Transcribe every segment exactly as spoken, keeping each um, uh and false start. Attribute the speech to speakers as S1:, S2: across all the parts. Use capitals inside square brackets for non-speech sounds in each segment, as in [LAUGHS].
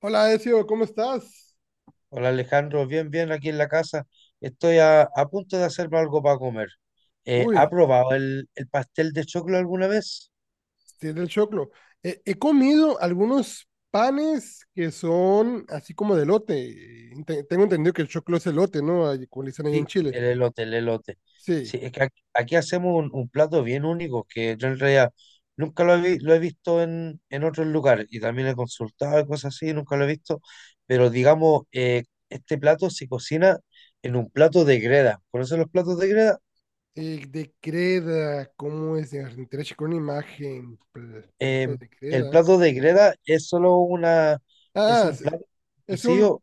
S1: Hola, Ezio, ¿cómo estás?
S2: Hola Alejandro, bien, bien aquí en la casa. Estoy a, a punto de hacerme algo para comer. Eh, ¿ha
S1: Uy,
S2: probado el, el pastel de choclo alguna vez?
S1: tiene el choclo. Eh, he comido algunos panes que son así como de elote. Te- tengo entendido que el choclo es elote, ¿no? Ahí como le dicen allá en
S2: Sí,
S1: Chile.
S2: el elote, el elote.
S1: Sí.
S2: Sí, es que aquí, aquí hacemos un, un plato bien único que yo en realidad nunca lo he, vi- lo he visto en, en otros lugares y también he consultado y cosas así, nunca lo he visto. Pero digamos, eh, este plato se cocina en un plato de greda. ¿Conocen los platos de greda?
S1: Eh, de creda, ¿cómo es? De con imagen, pl- plato
S2: Eh,
S1: de
S2: el
S1: creda.
S2: plato de greda es solo una, es
S1: Ah,
S2: un
S1: es,
S2: plato
S1: es un,
S2: cocido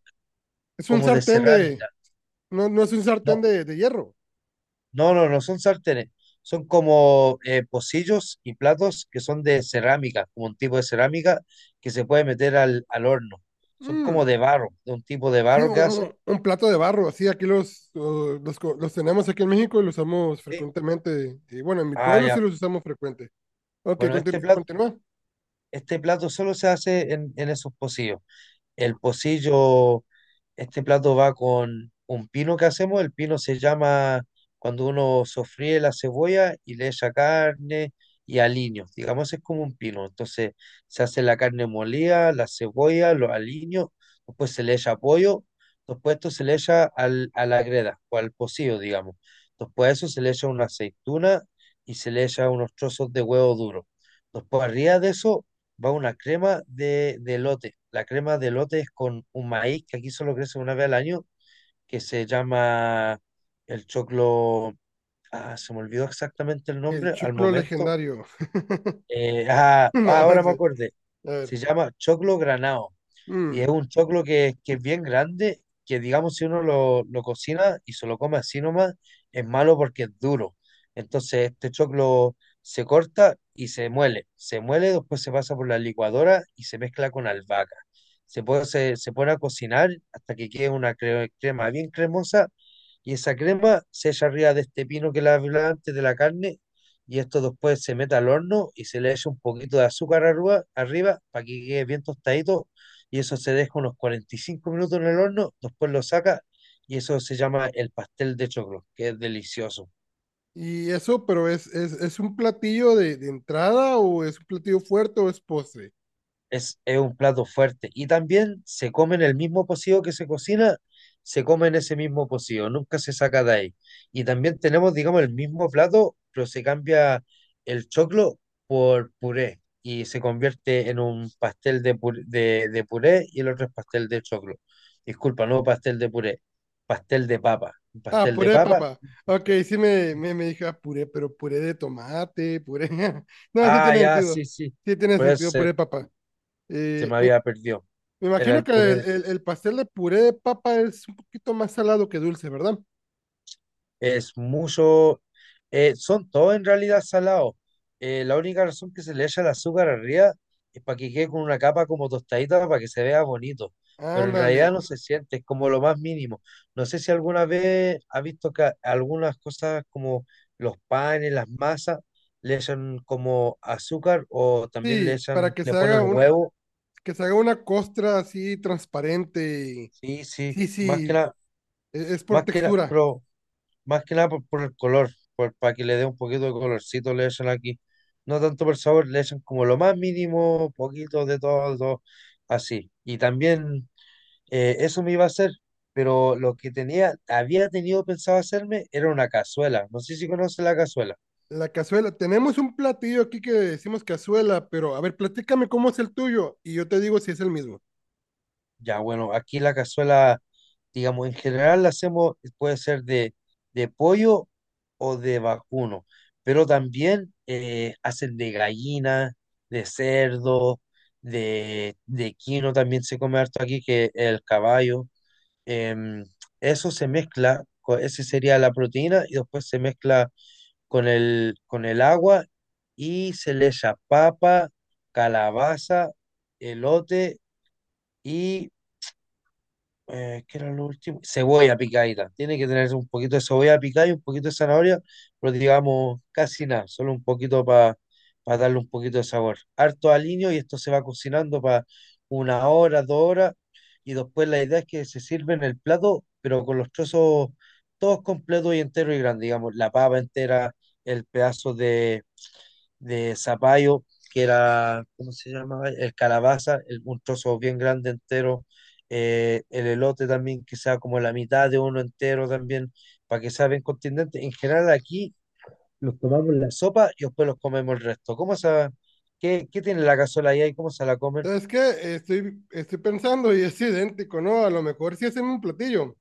S1: es un
S2: como de
S1: sartén de,
S2: cerámica.
S1: no, no es un sartén
S2: No,
S1: de, de hierro.
S2: no, no, no son sartenes. Son como eh, pocillos y platos que son de cerámica, como un tipo de cerámica que se puede meter al, al horno. Son como
S1: Mm.
S2: de barro, de un tipo de
S1: Sí,
S2: barro que
S1: un,
S2: hacen.
S1: un plato de barro, así aquí los, uh, los, co- los tenemos aquí en México y los usamos
S2: Sí.
S1: frecuentemente. Y bueno, en mi
S2: Ah,
S1: pueblo sí
S2: ya.
S1: los usamos frecuente. Ok,
S2: Bueno, este
S1: continu-
S2: plato,
S1: continúa.
S2: este plato solo se hace en, en esos pocillos. El pocillo, este plato va con un pino que hacemos. El pino se llama cuando uno sofríe la cebolla y le echa carne y aliños. Digamos, es como un pino. Entonces se hace la carne molida, la cebolla, los aliños, después se le echa pollo, después esto se le echa al, a la greda o al pocillo, digamos. Después de eso se le echa una aceituna y se le echa unos trozos de huevo duro. Después arriba de eso va una crema de, de elote. La crema de elote es con un maíz que aquí solo crece una vez al año, que se llama el choclo. Ah, se me olvidó exactamente el
S1: El
S2: nombre al
S1: choclo
S2: momento.
S1: legendario. [LAUGHS]
S2: Eh, ah, ah,
S1: No, no
S2: ahora me
S1: sé.
S2: acordé.
S1: A ver.
S2: Se llama choclo granado. Y
S1: Mm.
S2: es un choclo que, que es bien grande, que digamos si uno lo, lo cocina y se lo come así nomás, es malo porque es duro. Entonces este choclo se corta y se muele. Se muele, después se pasa por la licuadora y se mezcla con albahaca. Se, puede, se, se pone a cocinar hasta que quede una cre- crema bien cremosa y esa crema se echa arriba de este pino que la hablaba antes de la carne y esto después se mete al horno y se le echa un poquito de azúcar arriba, arriba para que quede bien tostadito y eso se deja unos cuarenta y cinco minutos en el horno, después lo saca y eso se llama el pastel de choclo, que es delicioso.
S1: Y eso, pero es, es, es un platillo de, de entrada o es un platillo fuerte o es postre.
S2: Es, es un plato fuerte y también se come en el mismo pocillo que se cocina, se come en ese mismo pocillo, nunca se saca de ahí. Y también tenemos, digamos, el mismo plato, pero se cambia el choclo por puré y se convierte en un pastel de puré, de, de puré y el otro es pastel de choclo. Disculpa, no pastel de puré, pastel de papa. Un
S1: Ah,
S2: pastel de
S1: puré, de
S2: papa.
S1: papá. Ok, sí me, me, me dije, ah, puré, pero puré de tomate, puré. [LAUGHS] No, sí
S2: Ah,
S1: tiene
S2: ya, sí,
S1: sentido.
S2: sí.
S1: Sí tiene
S2: Pues
S1: sentido, puré,
S2: se,
S1: de papá.
S2: se me había perdido.
S1: Me
S2: Era
S1: imagino
S2: el
S1: que
S2: puré
S1: el,
S2: de.
S1: el- el pastel de puré de papa es un poquito más salado que dulce, ¿verdad?
S2: Es mucho. eh, son todos en realidad salados. Eh, la única razón que se le echa el azúcar arriba es para que quede con una capa como tostadita para que se vea bonito. Pero en
S1: Ándale.
S2: realidad no se siente, es como lo más mínimo. No sé si alguna vez has visto que algunas cosas como los panes, las masas, le echan como azúcar o también le
S1: Sí, para
S2: echan,
S1: que
S2: le
S1: se
S2: ponen
S1: haga una,
S2: huevo.
S1: que se haga una costra así transparente. Y
S2: Sí, sí,
S1: sí,
S2: más que
S1: sí,
S2: nada.
S1: e- es por
S2: Más que la,
S1: textura.
S2: pero más que nada por, por el color, por, para que le dé un poquito de colorcito, le echan aquí. No tanto por sabor, le echan como lo más mínimo, poquito de todo, todo, así. Y también eh, eso me iba a hacer, pero lo que tenía, había tenido pensado hacerme era una cazuela. No sé si conoce la cazuela.
S1: La cazuela. Tenemos un platillo aquí que decimos cazuela, pero a ver, platícame cómo es el tuyo y yo te digo si es el mismo.
S2: Ya, bueno, aquí la cazuela, digamos, en general la hacemos, puede ser de, de pollo o de vacuno, pero también eh, hacen de gallina, de cerdo, de, de quino, también se come harto aquí, que el caballo. em, Eso se mezcla, co- ese sería la proteína, y después se mezcla con el, con el agua y se le echa papa, calabaza, elote y eh, ¿qué era lo último? Cebolla picadita. Tiene que tener un poquito de cebolla picada y un poquito de zanahoria, pero digamos casi nada, solo un poquito para darle un poquito de sabor. Harto aliño y esto se va cocinando para una hora, dos horas, y después la idea es que se sirve en el plato, pero con los trozos todos completos y enteros y grandes, digamos, la papa entera, el pedazo de de zapallo, que era, ¿cómo se llamaba? El calabaza, el, un trozo bien grande entero, eh, el elote también, que sea como la mitad de uno entero también, para que sea bien contundente. En general aquí los tomamos en la sopa y después los comemos el resto. ¿Cómo se, qué, ¿qué tiene la cazuela ahí? Y ¿cómo se la comen?
S1: ¿Sabes qué? Estoy, estoy pensando y es [LAUGHS] idéntico, ¿no? A lo mejor sí hacen un platillo,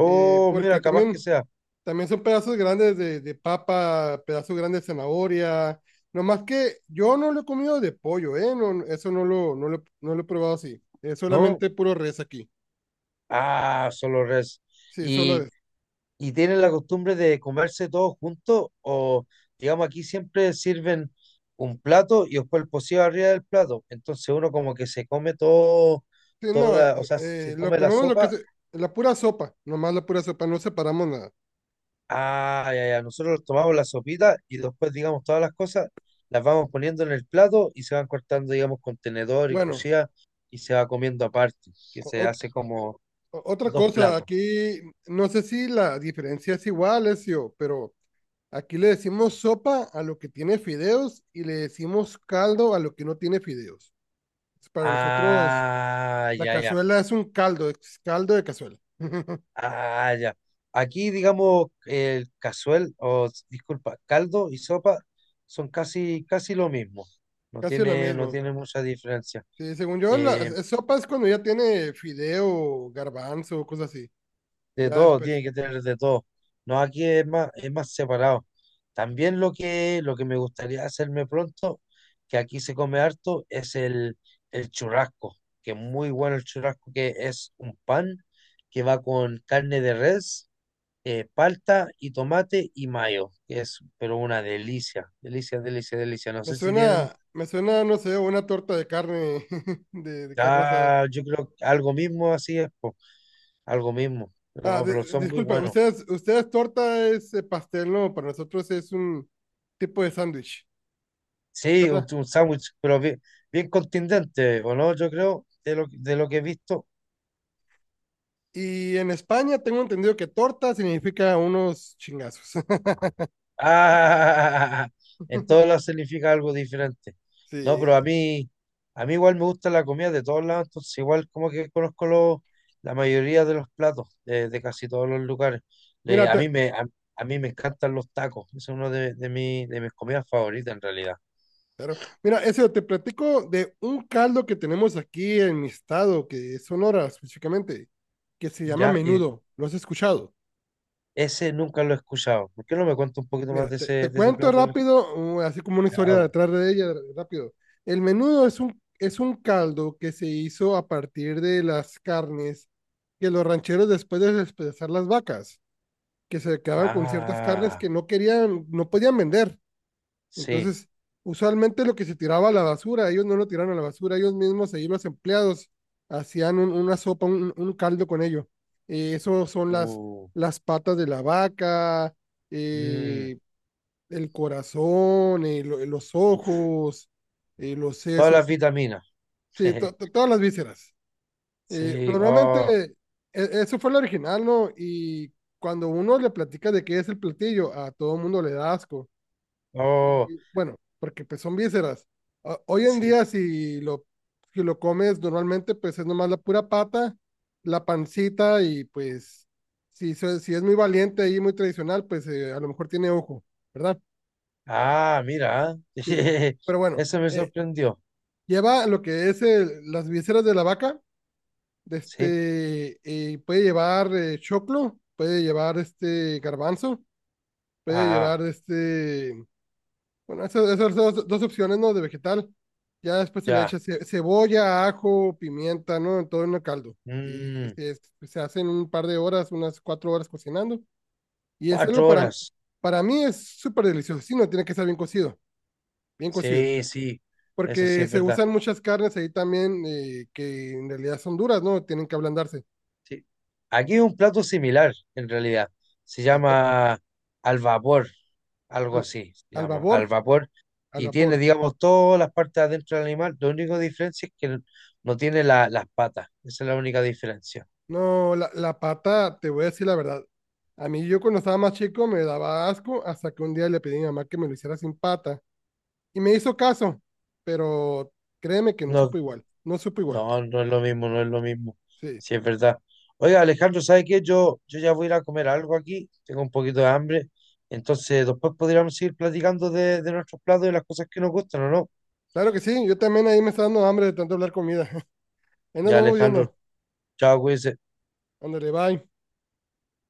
S1: eh, porque
S2: mira, capaz que
S1: también...
S2: sea,
S1: También son pedazos grandes de, de papa, pedazos grandes de zanahoria. Nomás que yo no lo he comido de pollo, ¿eh? No, eso no lo, no lo, no lo he probado así. Es
S2: ¿no?
S1: solamente puro res aquí.
S2: Ah, solo res.
S1: Sí, solo es.
S2: ¿Y tienen la costumbre de comerse todos juntos? O, digamos, aquí siempre sirven un plato y después el pocillo arriba del plato. Entonces uno como que se come todo,
S1: Sí, no, eh,
S2: toda, o sea, se
S1: eh, lo
S2: toma la
S1: comemos lo que
S2: sopa.
S1: es la pura sopa, nomás la pura sopa, no separamos nada.
S2: Ah, ya, ya, nosotros tomamos la sopita y después, digamos, todas las cosas las vamos poniendo en el plato y se van cortando, digamos, con tenedor y
S1: Bueno,
S2: cuchilla y se va comiendo aparte, que
S1: o-
S2: se
S1: ot-
S2: hace como
S1: otra
S2: dos
S1: cosa,
S2: platos.
S1: aquí no sé si la diferencia es igual, Ezio, pero aquí le decimos sopa a lo que tiene fideos y le decimos caldo a lo que no tiene fideos. Para nosotros,
S2: Ah,
S1: la
S2: ya, ya.
S1: cazuela es un caldo, es caldo de cazuela. [LAUGHS]
S2: Ah, ya. Aquí, digamos, el cazuel, o s- disculpa, caldo y sopa son casi, casi lo mismo. No
S1: Casi lo
S2: tiene, no
S1: mismo.
S2: tiene mucha diferencia.
S1: Sí, según yo, la
S2: Eh,
S1: es- sopa es cuando ya tiene fideo, garbanzo, cosas así.
S2: de
S1: Ya
S2: todo,
S1: después.
S2: tiene que tener de todo. No, aquí es más, es más separado. También lo que, lo que me gustaría hacerme pronto, que aquí se come harto, es el, el churrasco, que es muy bueno el churrasco, que es un pan que va con carne de res eh, palta y tomate y mayo, que es pero una delicia, delicia, delicia, delicia. No
S1: Me
S2: sé si tienen,
S1: suena, me suena, no sé, una torta de carne, [LAUGHS] de, de carne asada.
S2: ah, yo creo que algo mismo así es, po, algo mismo,
S1: Ah,
S2: no,
S1: di-
S2: pero son muy
S1: disculpa,
S2: buenos.
S1: ustedes, ustedes torta es eh, pastel, ¿no? Para nosotros es un tipo de sándwich, ¿sí,
S2: Sí, un,
S1: ¿verdad?
S2: un sándwich, pero bien, bien contundente, ¿o no? Yo creo, de lo, de lo que he visto.
S1: Y en España tengo entendido que torta significa unos chingazos.
S2: Ah, [LAUGHS] en todos
S1: [LAUGHS]
S2: lados significa algo diferente. No, pero
S1: Sí.
S2: a mí, a mí igual me gusta la comida de todos lados, entonces igual como que conozco los- la mayoría de los platos de, de casi todos los lugares.
S1: Mira,
S2: Le- a
S1: te,
S2: mí me, a, a mí me encantan los tacos, es uno de, de, mi- de mis comidas favoritas en realidad.
S1: Claro. Mira, eso te platico de un caldo que tenemos aquí en mi estado, que es Sonora específicamente, que se llama
S2: Ya, y
S1: menudo. ¿Lo has escuchado?
S2: ese nunca lo he escuchado. ¿Por qué no me cuentas un poquito más
S1: Mira,
S2: de
S1: te, te
S2: ese, de ese
S1: cuento
S2: plato? ¿Alejo?
S1: rápido, uh, así como una historia
S2: Ya, po.
S1: detrás de ella, rápido. El menudo es un, es un caldo que se hizo a partir de las carnes que los rancheros después de despedazar las vacas, que se quedaban con ciertas carnes
S2: Ah,
S1: que no querían, no podían vender.
S2: sí.
S1: Entonces, usualmente lo que se tiraba a la basura, ellos no lo tiraron a la basura, ellos mismos, ahí los empleados, hacían un- una sopa, un, un caldo con ello. Eh, eso son las,
S2: Uh,
S1: las patas de la vaca,
S2: mm,
S1: eh, el corazón, eh, lo- los
S2: uf.
S1: ojos, eh, los
S2: Todas las
S1: sesos,
S2: vitaminas.
S1: sí, to- to-
S2: [LAUGHS]
S1: todas las vísceras. Eh,
S2: Sí,
S1: normalmente,
S2: oh,
S1: e- eso fue el original, ¿no? Y cuando uno le platica de qué es el platillo, a todo mundo le da asco
S2: oh,
S1: y, bueno, porque pues son vísceras. O- Hoy en
S2: sí.
S1: día, si lo, si lo comes normalmente, pues es nomás la pura pata, la pancita y pues si, se- si es muy valiente y muy tradicional, pues eh, a lo mejor tiene ojo, ¿verdad?
S2: Ah, mira,
S1: Sí.
S2: [LAUGHS]
S1: Pero bueno,
S2: eso me
S1: eh,
S2: sorprendió.
S1: lleva lo que es el- las vísceras de la vaca, de
S2: Sí,
S1: este, eh, puede llevar eh, choclo, puede llevar este garbanzo, puede
S2: ah,
S1: llevar este bueno, esas, esas dos, dos opciones, ¿no? De vegetal. Ya después se le
S2: ya.
S1: echa ce- cebolla, ajo, pimienta, ¿no? En todo en el caldo. Y
S2: Mm,
S1: se, se hacen un par de horas, unas cuatro horas cocinando. Y es algo
S2: cuatro
S1: para,
S2: horas.
S1: para mí es súper delicioso. Sí, no tiene que estar bien cocido, bien cocido.
S2: Sí, sí, eso sí
S1: Porque
S2: es
S1: se
S2: verdad.
S1: usan muchas carnes ahí también eh, que en realidad son duras, ¿no? Tienen que ablandarse.
S2: Sí. Aquí hay un plato similar, en realidad. Se
S1: A ver,
S2: llama al vapor, algo
S1: al,
S2: así, se
S1: al
S2: llama al
S1: vapor,
S2: vapor.
S1: al
S2: Y tiene,
S1: vapor.
S2: digamos, todas las partes adentro del animal. La única diferencia es que no tiene la- las patas. Esa es la única diferencia.
S1: No, la, la pata, te voy a decir la verdad. A mí yo cuando estaba más chico me daba asco hasta que un día le pedí a mi mamá que me lo hiciera sin pata y me hizo caso, pero créeme que no
S2: No.
S1: supo igual, no supo igual.
S2: No, no es lo mismo, no es lo mismo.
S1: Sí,
S2: Sí, es verdad. Oiga, Alejandro, ¿sabe qué? Yo, yo ya voy a ir a comer algo aquí, tengo un poquito de hambre, entonces después podríamos seguir platicando de, de nuestros platos y las cosas que nos gustan, ¿o no?
S1: claro que sí, yo también ahí me está dando hambre de tanto hablar comida. [LAUGHS] Ahí nos
S2: Ya,
S1: vamos
S2: Alejandro,
S1: viendo.
S2: chao, cuídense.
S1: Ándale, bye.